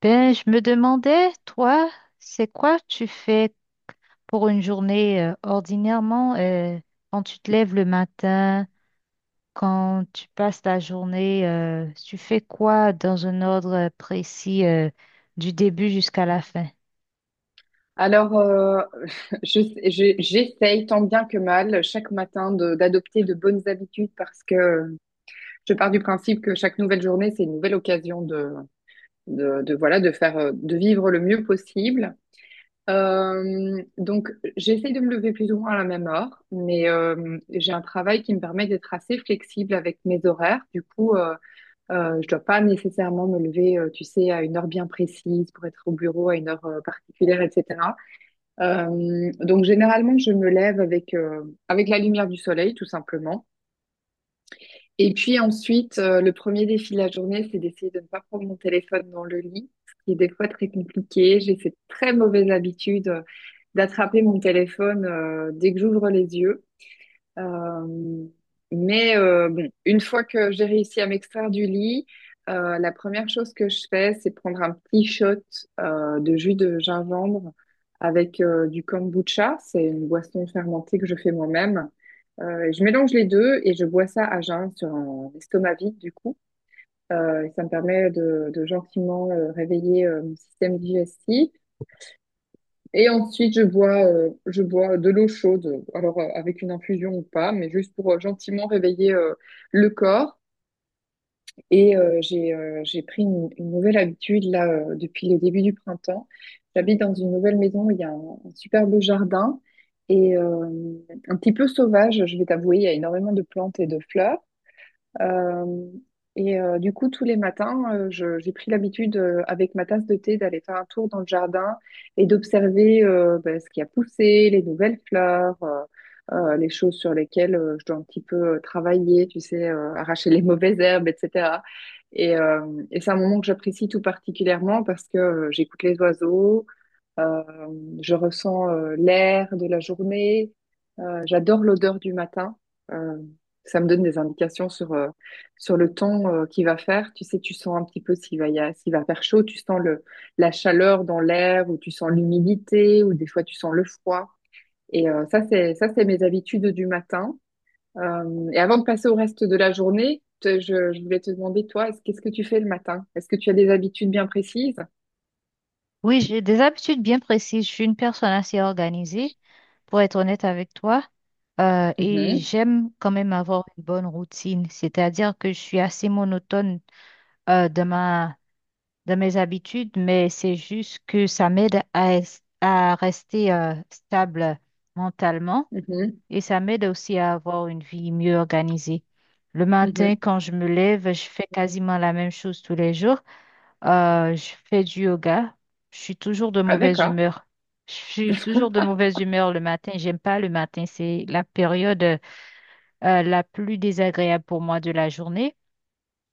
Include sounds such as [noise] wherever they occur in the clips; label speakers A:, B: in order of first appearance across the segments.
A: Ben, je me demandais, toi, c'est quoi tu fais pour une journée ordinairement, quand tu te lèves le matin, quand tu passes ta journée, tu fais quoi dans un ordre précis, du début jusqu'à la fin?
B: Alors, euh, [laughs] je, j'essaye tant bien que mal chaque matin d'adopter de bonnes habitudes parce que je pars du principe que chaque nouvelle journée, c'est une nouvelle occasion voilà, de faire, de vivre le mieux possible. Donc, j'essaye de me lever plus ou moins à la même heure, mais j'ai un travail qui me permet d'être assez flexible avec mes horaires. Du coup, je dois pas nécessairement me lever, tu sais, à une heure bien précise pour être au bureau à une heure particulière, etc. Donc généralement, je me lève avec, avec la lumière du soleil, tout simplement. Et puis ensuite, le premier défi de la journée, c'est d'essayer de ne pas prendre mon téléphone dans le lit, ce qui est des fois très compliqué. J'ai cette très mauvaise habitude d'attraper mon téléphone dès que j'ouvre les yeux. Euh, mais bon, une fois que j'ai réussi à m'extraire du lit, la première chose que je fais, c'est prendre un petit shot de jus de gingembre avec du kombucha. C'est une boisson fermentée que je fais moi-même. Je mélange les deux et je bois ça à jeun sur un estomac vide, du coup. Et ça me permet de gentiment réveiller mon système digestif. Et ensuite, je bois de l'eau chaude, alors avec une infusion ou pas, mais juste pour gentiment réveiller le corps. Et j'ai pris une nouvelle habitude là depuis le début du printemps. J'habite dans une nouvelle maison, où il y a un super beau jardin et un petit peu sauvage, je vais t'avouer, il y a énormément de plantes et de fleurs. Euh, du coup, tous les matins, j'ai pris l'habitude, avec ma tasse de thé, d'aller faire un tour dans le jardin et d'observer ben, ce qui a poussé, les nouvelles fleurs, les choses sur lesquelles je dois un petit peu travailler, tu sais, arracher les [laughs] mauvaises herbes, etc. Et, euh, et c'est un moment que j'apprécie tout particulièrement parce que j'écoute les oiseaux, euh, je ressens l'air de la journée. J'adore l'odeur du matin. Euh, ça me donne des indications sur, sur le temps qu'il va faire. Tu sais, tu sens un petit peu s'il va faire chaud. Tu sens la chaleur dans l'air ou tu sens l'humidité ou des fois tu sens le froid. Ça, c'est mes habitudes du matin. Et avant de passer au reste de la journée, je voulais te demander, toi, qu'est-ce que tu fais le matin? Est-ce que tu as des habitudes bien précises?
A: Oui, j'ai des habitudes bien précises. Je suis une personne assez organisée, pour être honnête avec toi, et
B: Mhm,
A: j'aime quand même avoir une bonne routine, c'est-à-dire que je suis assez monotone dans ma de mes habitudes, mais c'est juste que ça m'aide à, à rester stable mentalement,
B: mhm,
A: et ça m'aide aussi à avoir une vie mieux organisée. Le matin,
B: mhm.
A: quand je me lève, je fais quasiment la même chose tous les jours. Je fais du yoga. Je suis toujours de
B: Ah,
A: mauvaise
B: d'accord.
A: humeur. Je suis toujours de mauvaise humeur le matin. J'aime pas le matin. C'est la période la plus désagréable pour moi de la journée.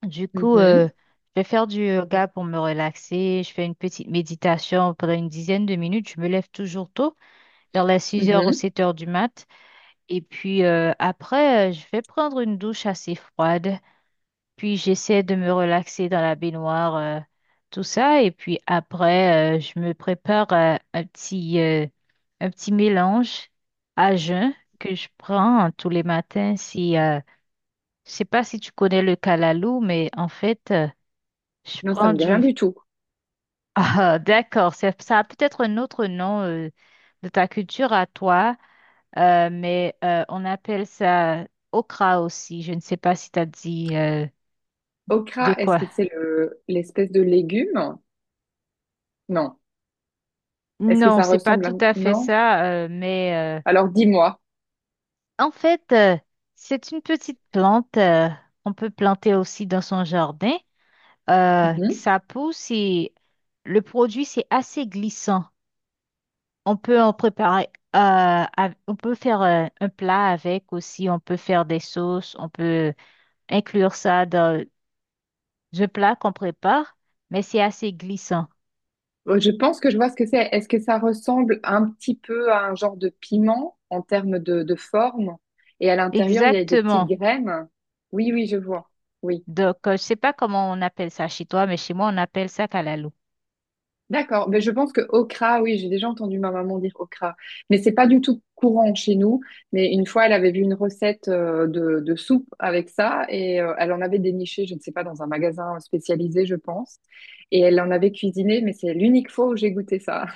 A: Du coup,
B: Mhm,
A: je vais faire du yoga pour me relaxer. Je fais une petite méditation pendant une dizaine de minutes. Je me lève toujours tôt, vers les 6 heures ou
B: mhm.
A: 7 heures du mat. Et puis après, je vais prendre une douche assez froide. Puis j'essaie de me relaxer dans la baignoire, tout ça. Et puis après, je me prépare un petit mélange à jeun que je prends tous les matins. Si, je sais pas si tu connais le calalou, mais en fait... je
B: Non, ça
A: prends
B: me dit rien
A: du. [laughs]
B: du tout.
A: Ah, d'accord. C'est, ça a peut-être un autre nom de ta culture à toi, mais on appelle ça okra aussi. Je ne sais pas si tu as dit de
B: Okra, est-ce
A: quoi.
B: que c'est le l'espèce de légume? Non. Est-ce que
A: Non,
B: ça
A: c'est pas
B: ressemble à...
A: tout à fait
B: Non.
A: ça, mais
B: Alors dis-moi.
A: en fait, c'est une petite plante qu'on peut planter aussi dans son jardin. Que
B: Mhm.
A: ça pousse et le produit, c'est assez glissant. On peut en préparer, euh, on peut faire un plat avec aussi, on peut faire des sauces, on peut inclure ça dans le plat qu'on prépare, mais c'est assez glissant.
B: Je pense que je vois ce que c'est. Est-ce que ça ressemble un petit peu à un genre de piment en termes de forme? Et à l'intérieur, il y a des petites
A: Exactement.
B: graines. Oui, oui, je vois. Oui.
A: Donc, je sais pas comment on appelle ça chez toi, mais chez moi, on appelle ça kalalou.
B: D'accord, mais je pense que okra, oui, j'ai déjà entendu ma maman dire okra, mais c'est pas du tout courant chez nous. Mais une fois, elle avait vu une recette de soupe avec ça et elle en avait déniché, je ne sais pas, dans un magasin spécialisé, je pense, et elle en avait cuisiné, mais c'est l'unique fois où j'ai goûté ça.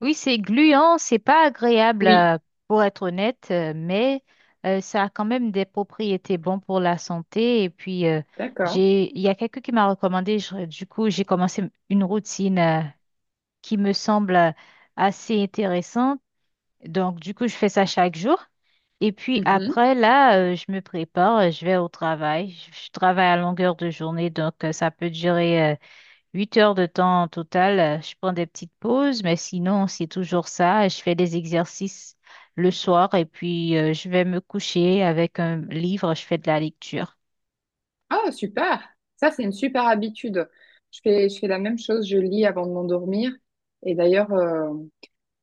A: Oui, c'est gluant, c'est pas agréable,
B: Oui,
A: pour être honnête, mais ça a quand même des propriétés bonnes pour la santé. Et puis,
B: d'accord.
A: il y a quelqu'un qui m'a recommandé, du coup, j'ai commencé une routine qui me semble assez intéressante. Donc, du coup, je fais ça chaque jour. Et puis
B: Mhm.
A: après, là, je me prépare, je vais au travail. Je travaille à longueur de journée, donc ça peut durer. 8 heures de temps en total, je prends des petites pauses, mais sinon, c'est toujours ça. Je fais des exercices le soir et puis je vais me coucher avec un livre, je fais de la lecture.
B: Ah, super. Ça, c'est une super habitude. Je fais la même chose, je lis avant de m'endormir. Et d'ailleurs, euh,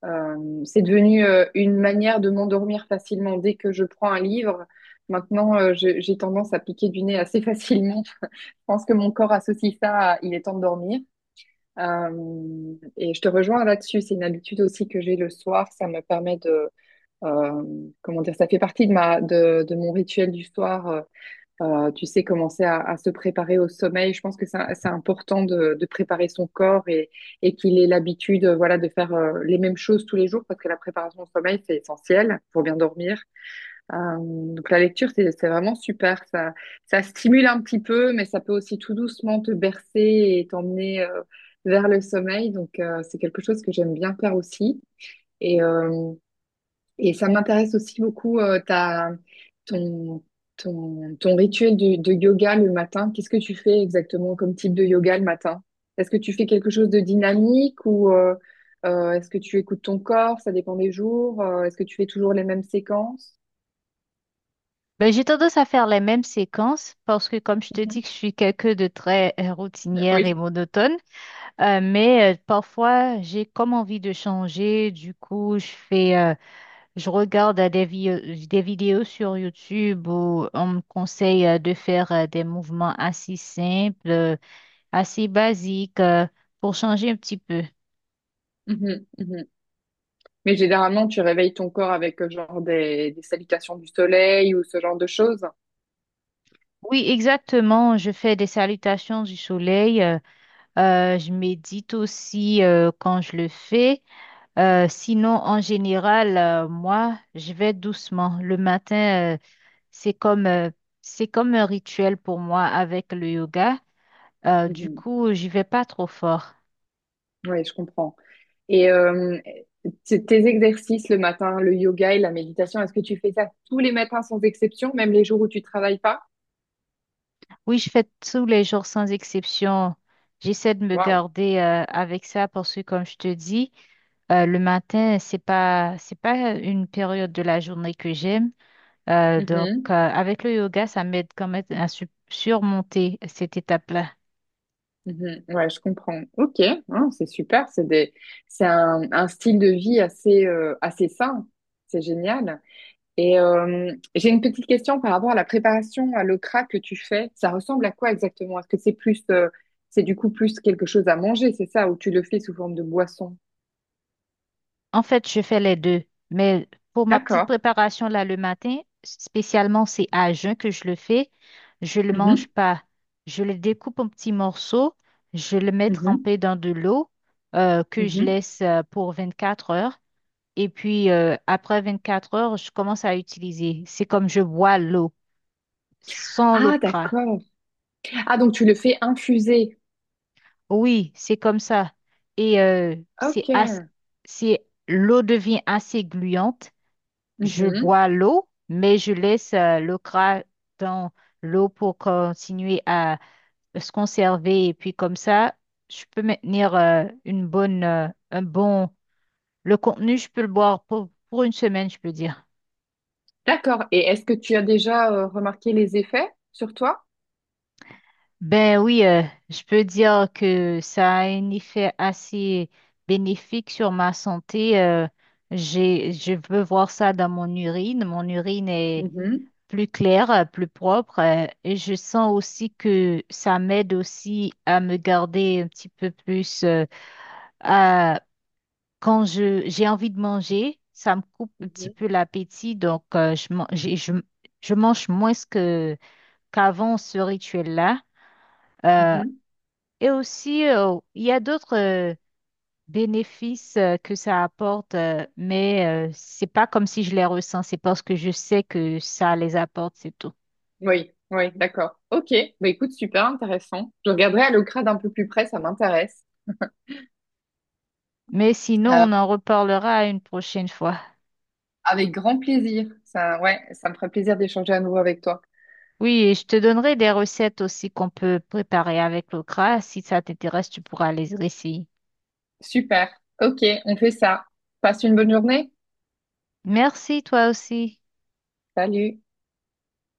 B: Euh, c'est devenu une manière de m'endormir facilement. Dès que je prends un livre, maintenant, j'ai tendance à piquer du nez assez [laughs] facilement. Je pense que mon corps associe ça à il est temps de dormir. Et je te rejoins là-dessus. C'est une habitude aussi que j'ai le soir. Ça me permet de, euh, comment dire, ça fait partie de de mon rituel du soir. Tu sais, commencer à se préparer au sommeil. Je pense que c'est important de préparer son corps et qu'il ait l'habitude, voilà, de faire les mêmes choses tous les jours parce que la préparation au sommeil, c'est essentiel pour bien dormir. Donc la lecture, c'est vraiment super. Ça stimule un petit peu, mais ça peut aussi tout doucement te bercer et t'emmener vers le sommeil. Donc c'est quelque chose que j'aime bien faire aussi. Et, euh, et ça m'intéresse aussi beaucoup ton, ton rituel de yoga le matin. Qu'est-ce que tu fais exactement comme type de yoga le matin? Est-ce que tu fais quelque chose de dynamique ou est-ce que tu écoutes ton corps? Ça dépend des jours. Est-ce que tu fais toujours les mêmes séquences?
A: Ben, j'ai tendance à faire les mêmes séquences parce que, comme je te
B: Mhm.
A: dis, que je suis quelqu'un de très routinière et
B: Oui.
A: monotone. Mais parfois, j'ai comme envie de changer. Du coup, je fais, je regarde des vidéos sur YouTube où on me conseille de faire des mouvements assez simples, assez basique, pour changer un petit peu.
B: Mhm, mhm. Mais généralement, tu réveilles ton corps avec genre des salutations du soleil ou ce genre de choses.
A: Oui, exactement. Je fais des salutations du soleil. Je médite aussi quand je le fais. Sinon, en général, moi, je vais doucement. Le matin, c'est comme, euh, c'est comme un rituel pour moi avec le yoga. Du
B: Oui,
A: coup, j'y vais pas trop fort.
B: je comprends. Et tes exercices le matin, le yoga et la méditation, est-ce que tu fais ça tous les matins sans exception, même les jours où tu travailles pas?
A: Oui, je fais tous les jours sans exception. J'essaie de me
B: Waouh.
A: garder avec ça parce que, comme je te dis, le matin, c'est pas une période de la journée que j'aime. Donc,
B: Mhm.
A: avec le yoga, ça m'aide quand même à surmonter cette étape-là.
B: Mhm. Ouais, je comprends. Ok, ah, c'est super. C'est un style de vie assez, assez sain. C'est génial. Et j'ai une petite question par rapport à la préparation à l'okra que tu fais. Ça ressemble à quoi exactement? Est-ce que c'est plus, c'est du coup plus quelque chose à manger, c'est ça, ou tu le fais sous forme de boisson?
A: En fait, je fais les deux. Mais pour ma petite
B: D'accord.
A: préparation là le matin, spécialement c'est à jeun que je le fais. Je le
B: Mhm.
A: mange pas. Je le découpe en petits morceaux. Je le mets
B: Mhm.
A: trempé dans de l'eau, que je
B: Mhm.
A: laisse pour 4 heures. Et puis après 4 heures, je commence à utiliser. C'est comme je bois l'eau sans l'eau
B: Ah,
A: cra.
B: d'accord. Ah, donc tu le fais infuser.
A: Oui, c'est comme ça. Et c'est
B: Ok.
A: c'est l'eau devient assez gluante. Je
B: Mhm.
A: bois l'eau, mais je laisse le gras dans l'eau pour continuer à se conserver. Et puis comme ça, je peux maintenir une bonne, un bon... Le contenu, je peux le boire pour une semaine, je peux dire.
B: D'accord. Et est-ce que tu as déjà remarqué les effets sur toi?
A: Ben oui, je peux dire que ça a un effet assez bénéfique sur ma santé. Je veux voir ça dans mon urine. Mon urine est
B: Mhm.
A: plus clair, plus propre. Et je sens aussi que ça m'aide aussi à me garder un petit peu plus, à, quand j'ai envie de manger, ça me coupe un petit
B: Mhm.
A: peu l'appétit. Donc, je mange moins que, qu'avant ce rituel-là. Euh,
B: Mhm.
A: et aussi, il y a d'autres bénéfices que ça apporte, mais c'est pas comme si je les ressens. C'est parce que je sais que ça les apporte, c'est tout.
B: Oui, oui, d'accord. Ok. Bah, écoute, super intéressant. Je regarderai à l'ocra d'un peu plus près, ça m'intéresse.
A: Mais sinon,
B: Euh,
A: on en reparlera une prochaine fois.
B: avec grand plaisir. Ça, ouais, ça me ferait plaisir d'échanger à nouveau avec toi.
A: Oui, et je te donnerai des recettes aussi qu'on peut préparer avec le gras. Si ça t'intéresse, tu pourras les essayer.
B: Super. Ok, on fait ça. Passe une bonne journée.
A: Merci, toi aussi.
B: Salut.